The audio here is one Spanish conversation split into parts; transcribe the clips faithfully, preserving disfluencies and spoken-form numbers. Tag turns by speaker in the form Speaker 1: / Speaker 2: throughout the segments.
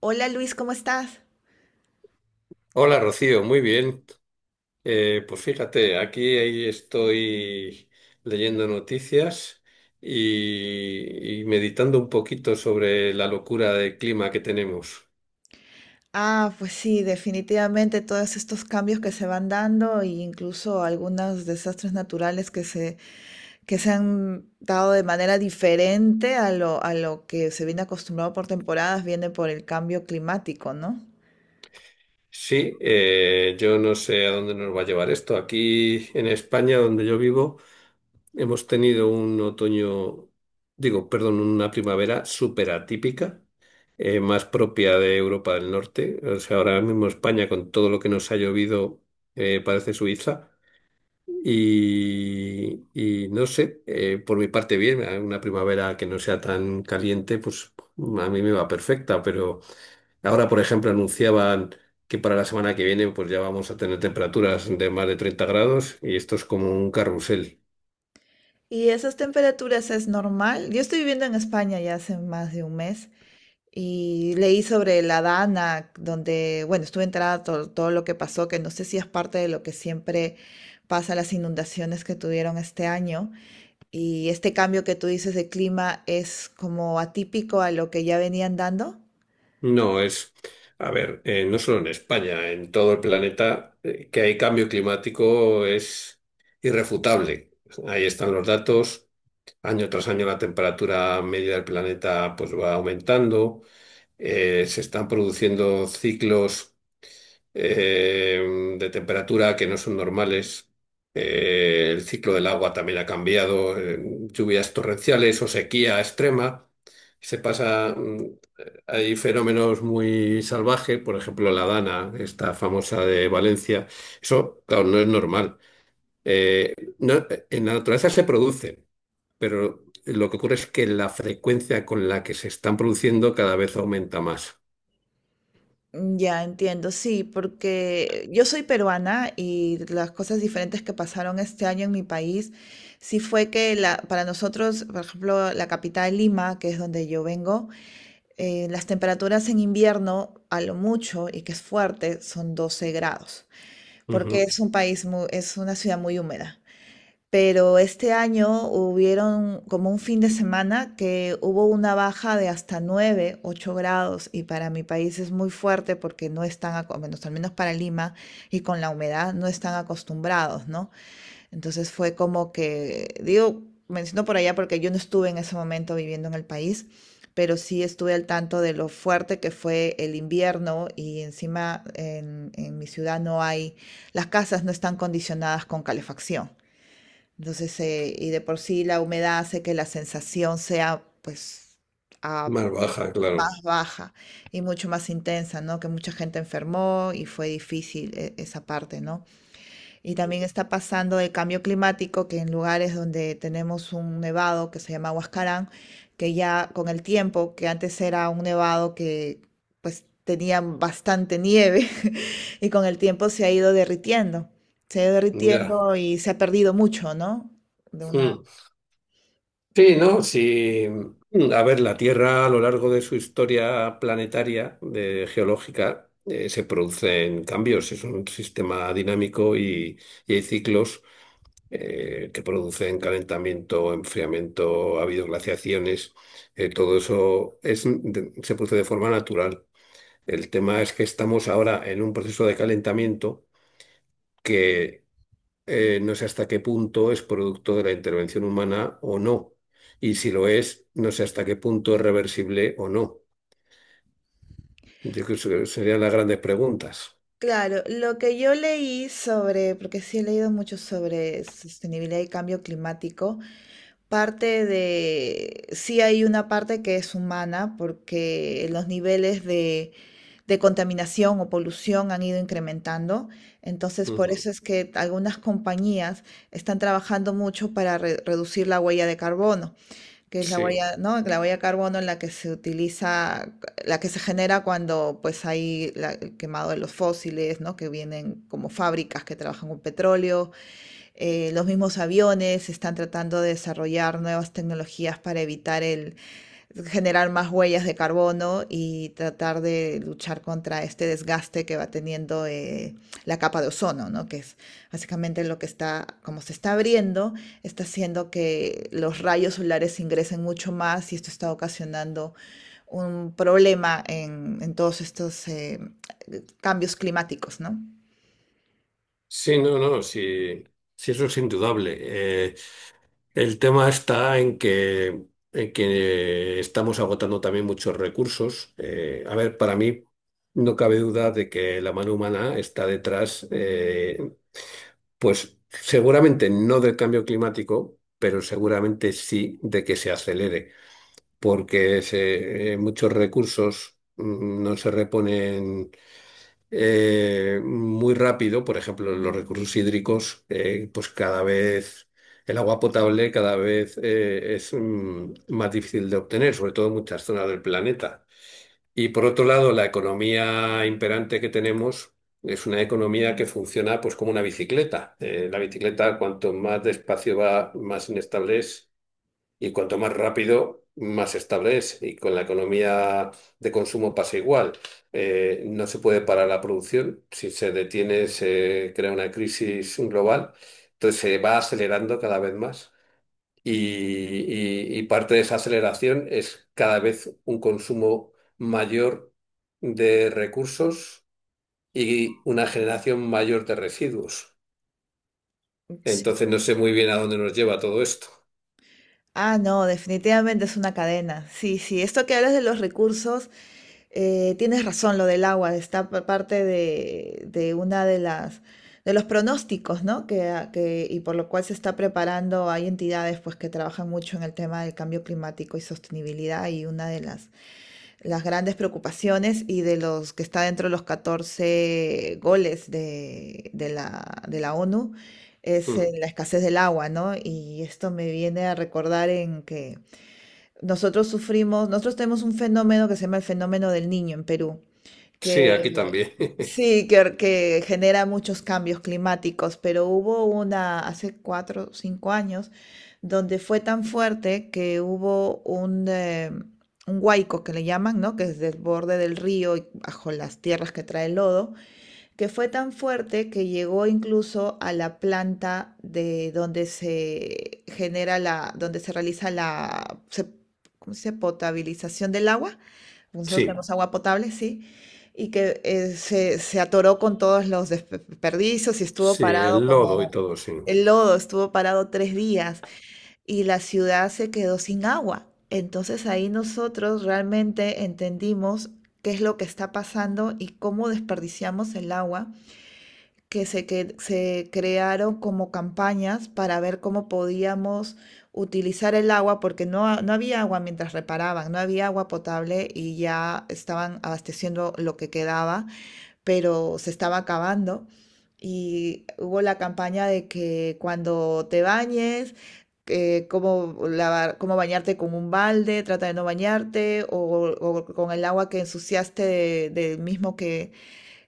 Speaker 1: Hola Luis, ¿cómo estás?
Speaker 2: Hola Rocío, muy bien. Eh, pues fíjate, aquí ahí estoy leyendo noticias y, y meditando un poquito sobre la locura de clima que tenemos.
Speaker 1: Ah, pues sí, definitivamente todos estos cambios que se van dando e incluso algunos desastres naturales que se, que se han dado de manera diferente a lo, a lo que se viene acostumbrado por temporadas, viene por el cambio climático, ¿no?
Speaker 2: Sí, eh, yo no sé a dónde nos va a llevar esto. Aquí en España, donde yo vivo, hemos tenido un otoño, digo, perdón, una primavera súper atípica, eh, más propia de Europa del Norte. O sea, ahora mismo España, con todo lo que nos ha llovido, eh, parece Suiza. Y, y no sé, eh, por mi parte bien, eh, una primavera que no sea tan caliente, pues a mí me va perfecta, pero ahora, por ejemplo, anunciaban que para la semana que viene pues ya vamos a tener temperaturas de más de treinta grados y esto es como un carrusel.
Speaker 1: Y esas temperaturas es normal. Yo estoy viviendo en España ya hace más de un mes y leí sobre la Dana, donde, bueno, estuve enterada todo, todo lo que pasó, que no sé si es parte de lo que siempre pasa, las inundaciones que tuvieron este año. Y este cambio que tú dices de clima es como atípico a lo que ya venían dando.
Speaker 2: No, es, a ver, eh, no solo en España, en todo el planeta, eh, que hay cambio climático es irrefutable. Ahí están los datos. Año tras año la temperatura media del planeta pues va aumentando. Eh, se están produciendo ciclos eh, de temperatura que no son normales. Eh, el ciclo del agua también ha cambiado, eh, lluvias torrenciales o sequía extrema. Se pasa, mm, hay fenómenos muy salvajes, por ejemplo, la Dana, esta famosa de Valencia. Eso, claro, no es normal. Eh, no- en la naturaleza se produce, pero lo que ocurre es que la frecuencia con la que se están produciendo cada vez aumenta más.
Speaker 1: Mm, Ya entiendo, sí, porque yo soy peruana y las cosas diferentes que pasaron este año en mi país, sí fue que la, para nosotros, por ejemplo, la capital Lima, que es donde yo vengo, eh, las temperaturas en invierno, a lo mucho, y que es fuerte, son doce grados, porque
Speaker 2: Ujú.
Speaker 1: es un país muy, es una ciudad muy húmeda. Pero este año hubieron como un fin de semana que hubo una baja de hasta nueve ocho grados, y para mi país es muy fuerte porque no están, aco- bueno, al menos para Lima, y con la humedad no están acostumbrados, ¿no? Entonces fue como que, digo, menciono por allá porque yo no estuve en ese momento viviendo en el país, pero sí estuve al tanto de lo fuerte que fue el invierno y encima en, en mi ciudad no hay, las casas no están condicionadas con calefacción. Entonces, eh, y de por sí la humedad hace que la sensación sea pues a-
Speaker 2: Más baja, claro.
Speaker 1: más baja y mucho más intensa, ¿no? Que mucha gente enfermó y fue difícil eh, esa parte, ¿no? Y también está pasando el cambio climático, que en lugares donde tenemos un nevado que se llama Huascarán, que ya con el tiempo, que antes era un nevado que pues tenía bastante nieve, y con el tiempo se ha ido derritiendo, se ha ido
Speaker 2: Ya.
Speaker 1: derritiendo y se ha perdido mucho, ¿no? De una...
Speaker 2: Mm. Sí, ¿no? Sí. A ver, la Tierra a lo largo de su historia planetaria, de geológica, eh, se producen cambios. Es un sistema dinámico y, y hay ciclos eh, que producen calentamiento, enfriamiento, ha habido glaciaciones. Eh, todo eso es, de- se produce de forma natural. El tema es que estamos ahora en un proceso de calentamiento que eh, no sé hasta qué punto es producto de la intervención humana o no. Y si lo es, no sé hasta qué punto es reversible o no. Yo creo que serían las grandes preguntas.
Speaker 1: Claro, lo que yo leí sobre, porque sí he leído mucho sobre sostenibilidad y cambio climático, parte de, sí hay una parte que es humana porque los niveles de, de contaminación o polución han ido incrementando. Entonces, por eso
Speaker 2: Ujú.
Speaker 1: es que algunas compañías están trabajando mucho para re- reducir la huella de carbono, que es la
Speaker 2: Sí,
Speaker 1: huella, ¿no? La huella de carbono en la que se utiliza, la que se genera cuando pues hay la- el quemado de los fósiles, ¿no? Que vienen como fábricas que trabajan con petróleo, eh, los mismos aviones están tratando de desarrollar nuevas tecnologías para evitar el generar más huellas de carbono y tratar de luchar contra este desgaste que va teniendo eh, la capa de ozono, ¿no? Que es básicamente lo que está, como se está abriendo, está haciendo que los rayos solares ingresen mucho más y esto está ocasionando un problema en, en todos estos eh, cambios climáticos, ¿no?
Speaker 2: sí, no, no, sí, sí, eso es indudable. Eh, el tema está en que, en que estamos agotando también muchos recursos. Eh, a ver, para mí no cabe duda de que la mano humana está detrás, eh, pues seguramente no del cambio climático, pero seguramente sí de que se acelere, porque se- eh, muchos recursos mm, no se reponen eh, muy rápido. Por ejemplo, los recursos hídricos, eh, pues cada vez el agua potable cada vez eh, es mm, más difícil de obtener, sobre todo en muchas zonas del planeta. Y por otro lado, la economía imperante que tenemos es una economía que funciona pues como una bicicleta. Eh, la bicicleta, cuanto más despacio va, más inestable es, y cuanto más rápido, más estable es. Y con la economía de consumo pasa igual. Eh, no se puede parar la producción. Si se detiene, se crea una crisis global. Entonces se va acelerando cada vez más. Y, y- y parte de esa aceleración es cada vez un consumo mayor de recursos y una generación mayor de residuos.
Speaker 1: Sí,
Speaker 2: Entonces no sé muy bien a dónde nos lleva todo esto.
Speaker 1: ah, no, definitivamente es una cadena. Sí, sí, esto que hablas de los recursos, eh, tienes razón, lo del agua, está pa- parte de, de una de las de los pronósticos, ¿no? Que, a- que- y por lo cual se está preparando, hay entidades pues que trabajan mucho en el tema del cambio climático y sostenibilidad y una de las las grandes preocupaciones y de los que está dentro de los catorce goles de, de la, de la ONU es eh,
Speaker 2: Mm.
Speaker 1: la escasez del agua, ¿no? Y esto me viene a recordar en que nosotros sufrimos, nosotros tenemos un fenómeno que se llama el fenómeno del niño en Perú
Speaker 2: Sí, aquí
Speaker 1: que
Speaker 2: también.
Speaker 1: sí, que, que genera muchos cambios climáticos, pero hubo una hace cuatro o cinco años donde fue tan fuerte que hubo un, eh, un huaico que le llaman, ¿no? Que es del borde del río y bajo las tierras que trae el lodo, que fue tan fuerte que llegó incluso a la planta de donde se genera la, donde se realiza la, se- ¿Cómo se dice? Potabilización del agua, nosotros
Speaker 2: Sí,
Speaker 1: tenemos agua potable, sí, y que eh, se, se atoró con todos los desperdicios y estuvo
Speaker 2: sí,
Speaker 1: parado
Speaker 2: el lodo y
Speaker 1: como
Speaker 2: todo, sí.
Speaker 1: el lodo, estuvo parado tres días y la ciudad se quedó sin agua. Entonces ahí nosotros realmente entendimos qué es lo que está pasando y cómo desperdiciamos el agua que se, que se crearon como campañas para ver cómo podíamos utilizar el agua, porque no, ha- no había agua mientras reparaban, no había agua potable y ya estaban abasteciendo lo que quedaba, pero se estaba acabando. Y hubo la campaña de que cuando te bañes, eh, cómo lavar, cómo bañarte con un balde, trata de no bañarte, o, o con el agua que ensuciaste de- del mismo que,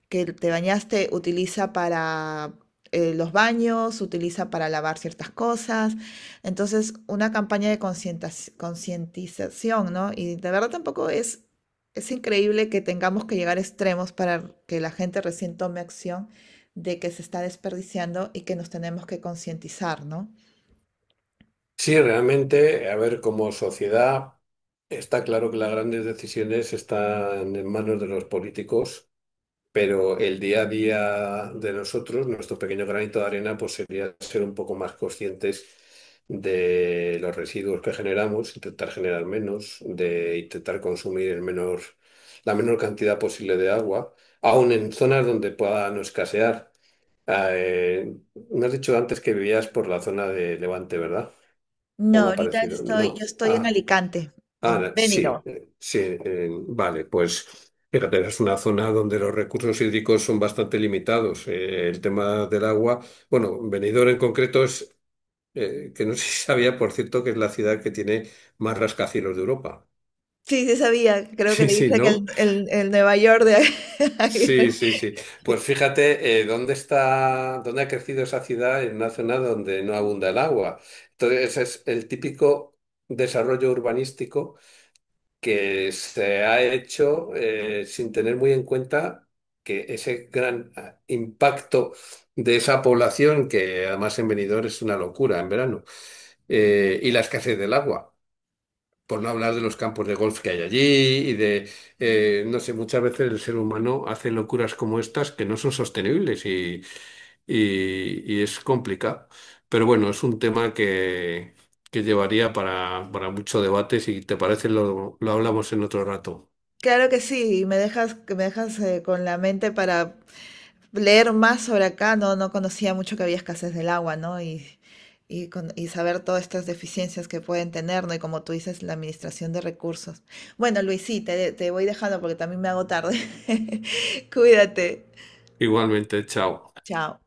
Speaker 1: que te bañaste utiliza para eh, los baños, utiliza para lavar ciertas cosas. Entonces, una campaña de concientas- concientización, ¿no? Y de verdad tampoco es, es increíble que tengamos que llegar a extremos para que la gente recién tome acción de que se está desperdiciando y que nos tenemos que concientizar, ¿no?
Speaker 2: Sí, realmente, a ver, como sociedad, está claro que las grandes decisiones están en manos de los políticos. Pero el día a día de nosotros, nuestro pequeño granito de arena, pues sería ser un poco más conscientes de los residuos que generamos, intentar generar menos, de intentar consumir el menor, la menor cantidad posible de agua, aun en zonas donde pueda no escasear. Ah, Eh, Me has dicho antes que vivías por la zona de Levante, ¿verdad? ¿O
Speaker 1: No,
Speaker 2: me ha
Speaker 1: ahorita
Speaker 2: parecido?
Speaker 1: estoy, yo
Speaker 2: No.
Speaker 1: estoy en
Speaker 2: Ah.
Speaker 1: Alicante,
Speaker 2: Ah,
Speaker 1: en
Speaker 2: la-
Speaker 1: Benidorm.
Speaker 2: sí, eh, sí, eh, vale, pues fíjate, es una zona donde los recursos hídricos son bastante limitados. Eh, el tema del agua, bueno, Benidorm en concreto es, eh, que no sé si sabía, por cierto, que es la ciudad que tiene más rascacielos de Europa.
Speaker 1: Sí, sí sabía, creo que
Speaker 2: Sí,
Speaker 1: le
Speaker 2: sí,
Speaker 1: dicen el,
Speaker 2: ¿no?
Speaker 1: el, el Nueva York de... ahí.
Speaker 2: Sí, sí, sí. Pues fíjate, eh, dónde está, dónde ha crecido esa ciudad en una zona donde no abunda el agua. Entonces, es el típico desarrollo urbanístico que se ha hecho eh, sin tener muy en cuenta que ese gran ah, impacto de esa población, que además en Benidorm es una locura en verano, eh, y la escasez del agua por no hablar de los campos de golf que hay allí y de, eh, no sé, muchas veces el ser humano hace locuras como estas que no son sostenibles y, y- y es complicado. Pero bueno, es un tema que, que llevaría para, para mucho debate. Si te parece, lo, lo hablamos en otro rato.
Speaker 1: Claro que sí, me dejas, que me dejas eh, con la mente para leer más sobre acá, no, no conocía mucho que había escasez del agua, ¿no? Y, y, con- y saber todas estas deficiencias que pueden tener, ¿no? Y como tú dices, la administración de recursos. Bueno, Luis, sí, te, te voy dejando porque también me hago tarde. Cuídate.
Speaker 2: Igualmente, chao.
Speaker 1: Chao.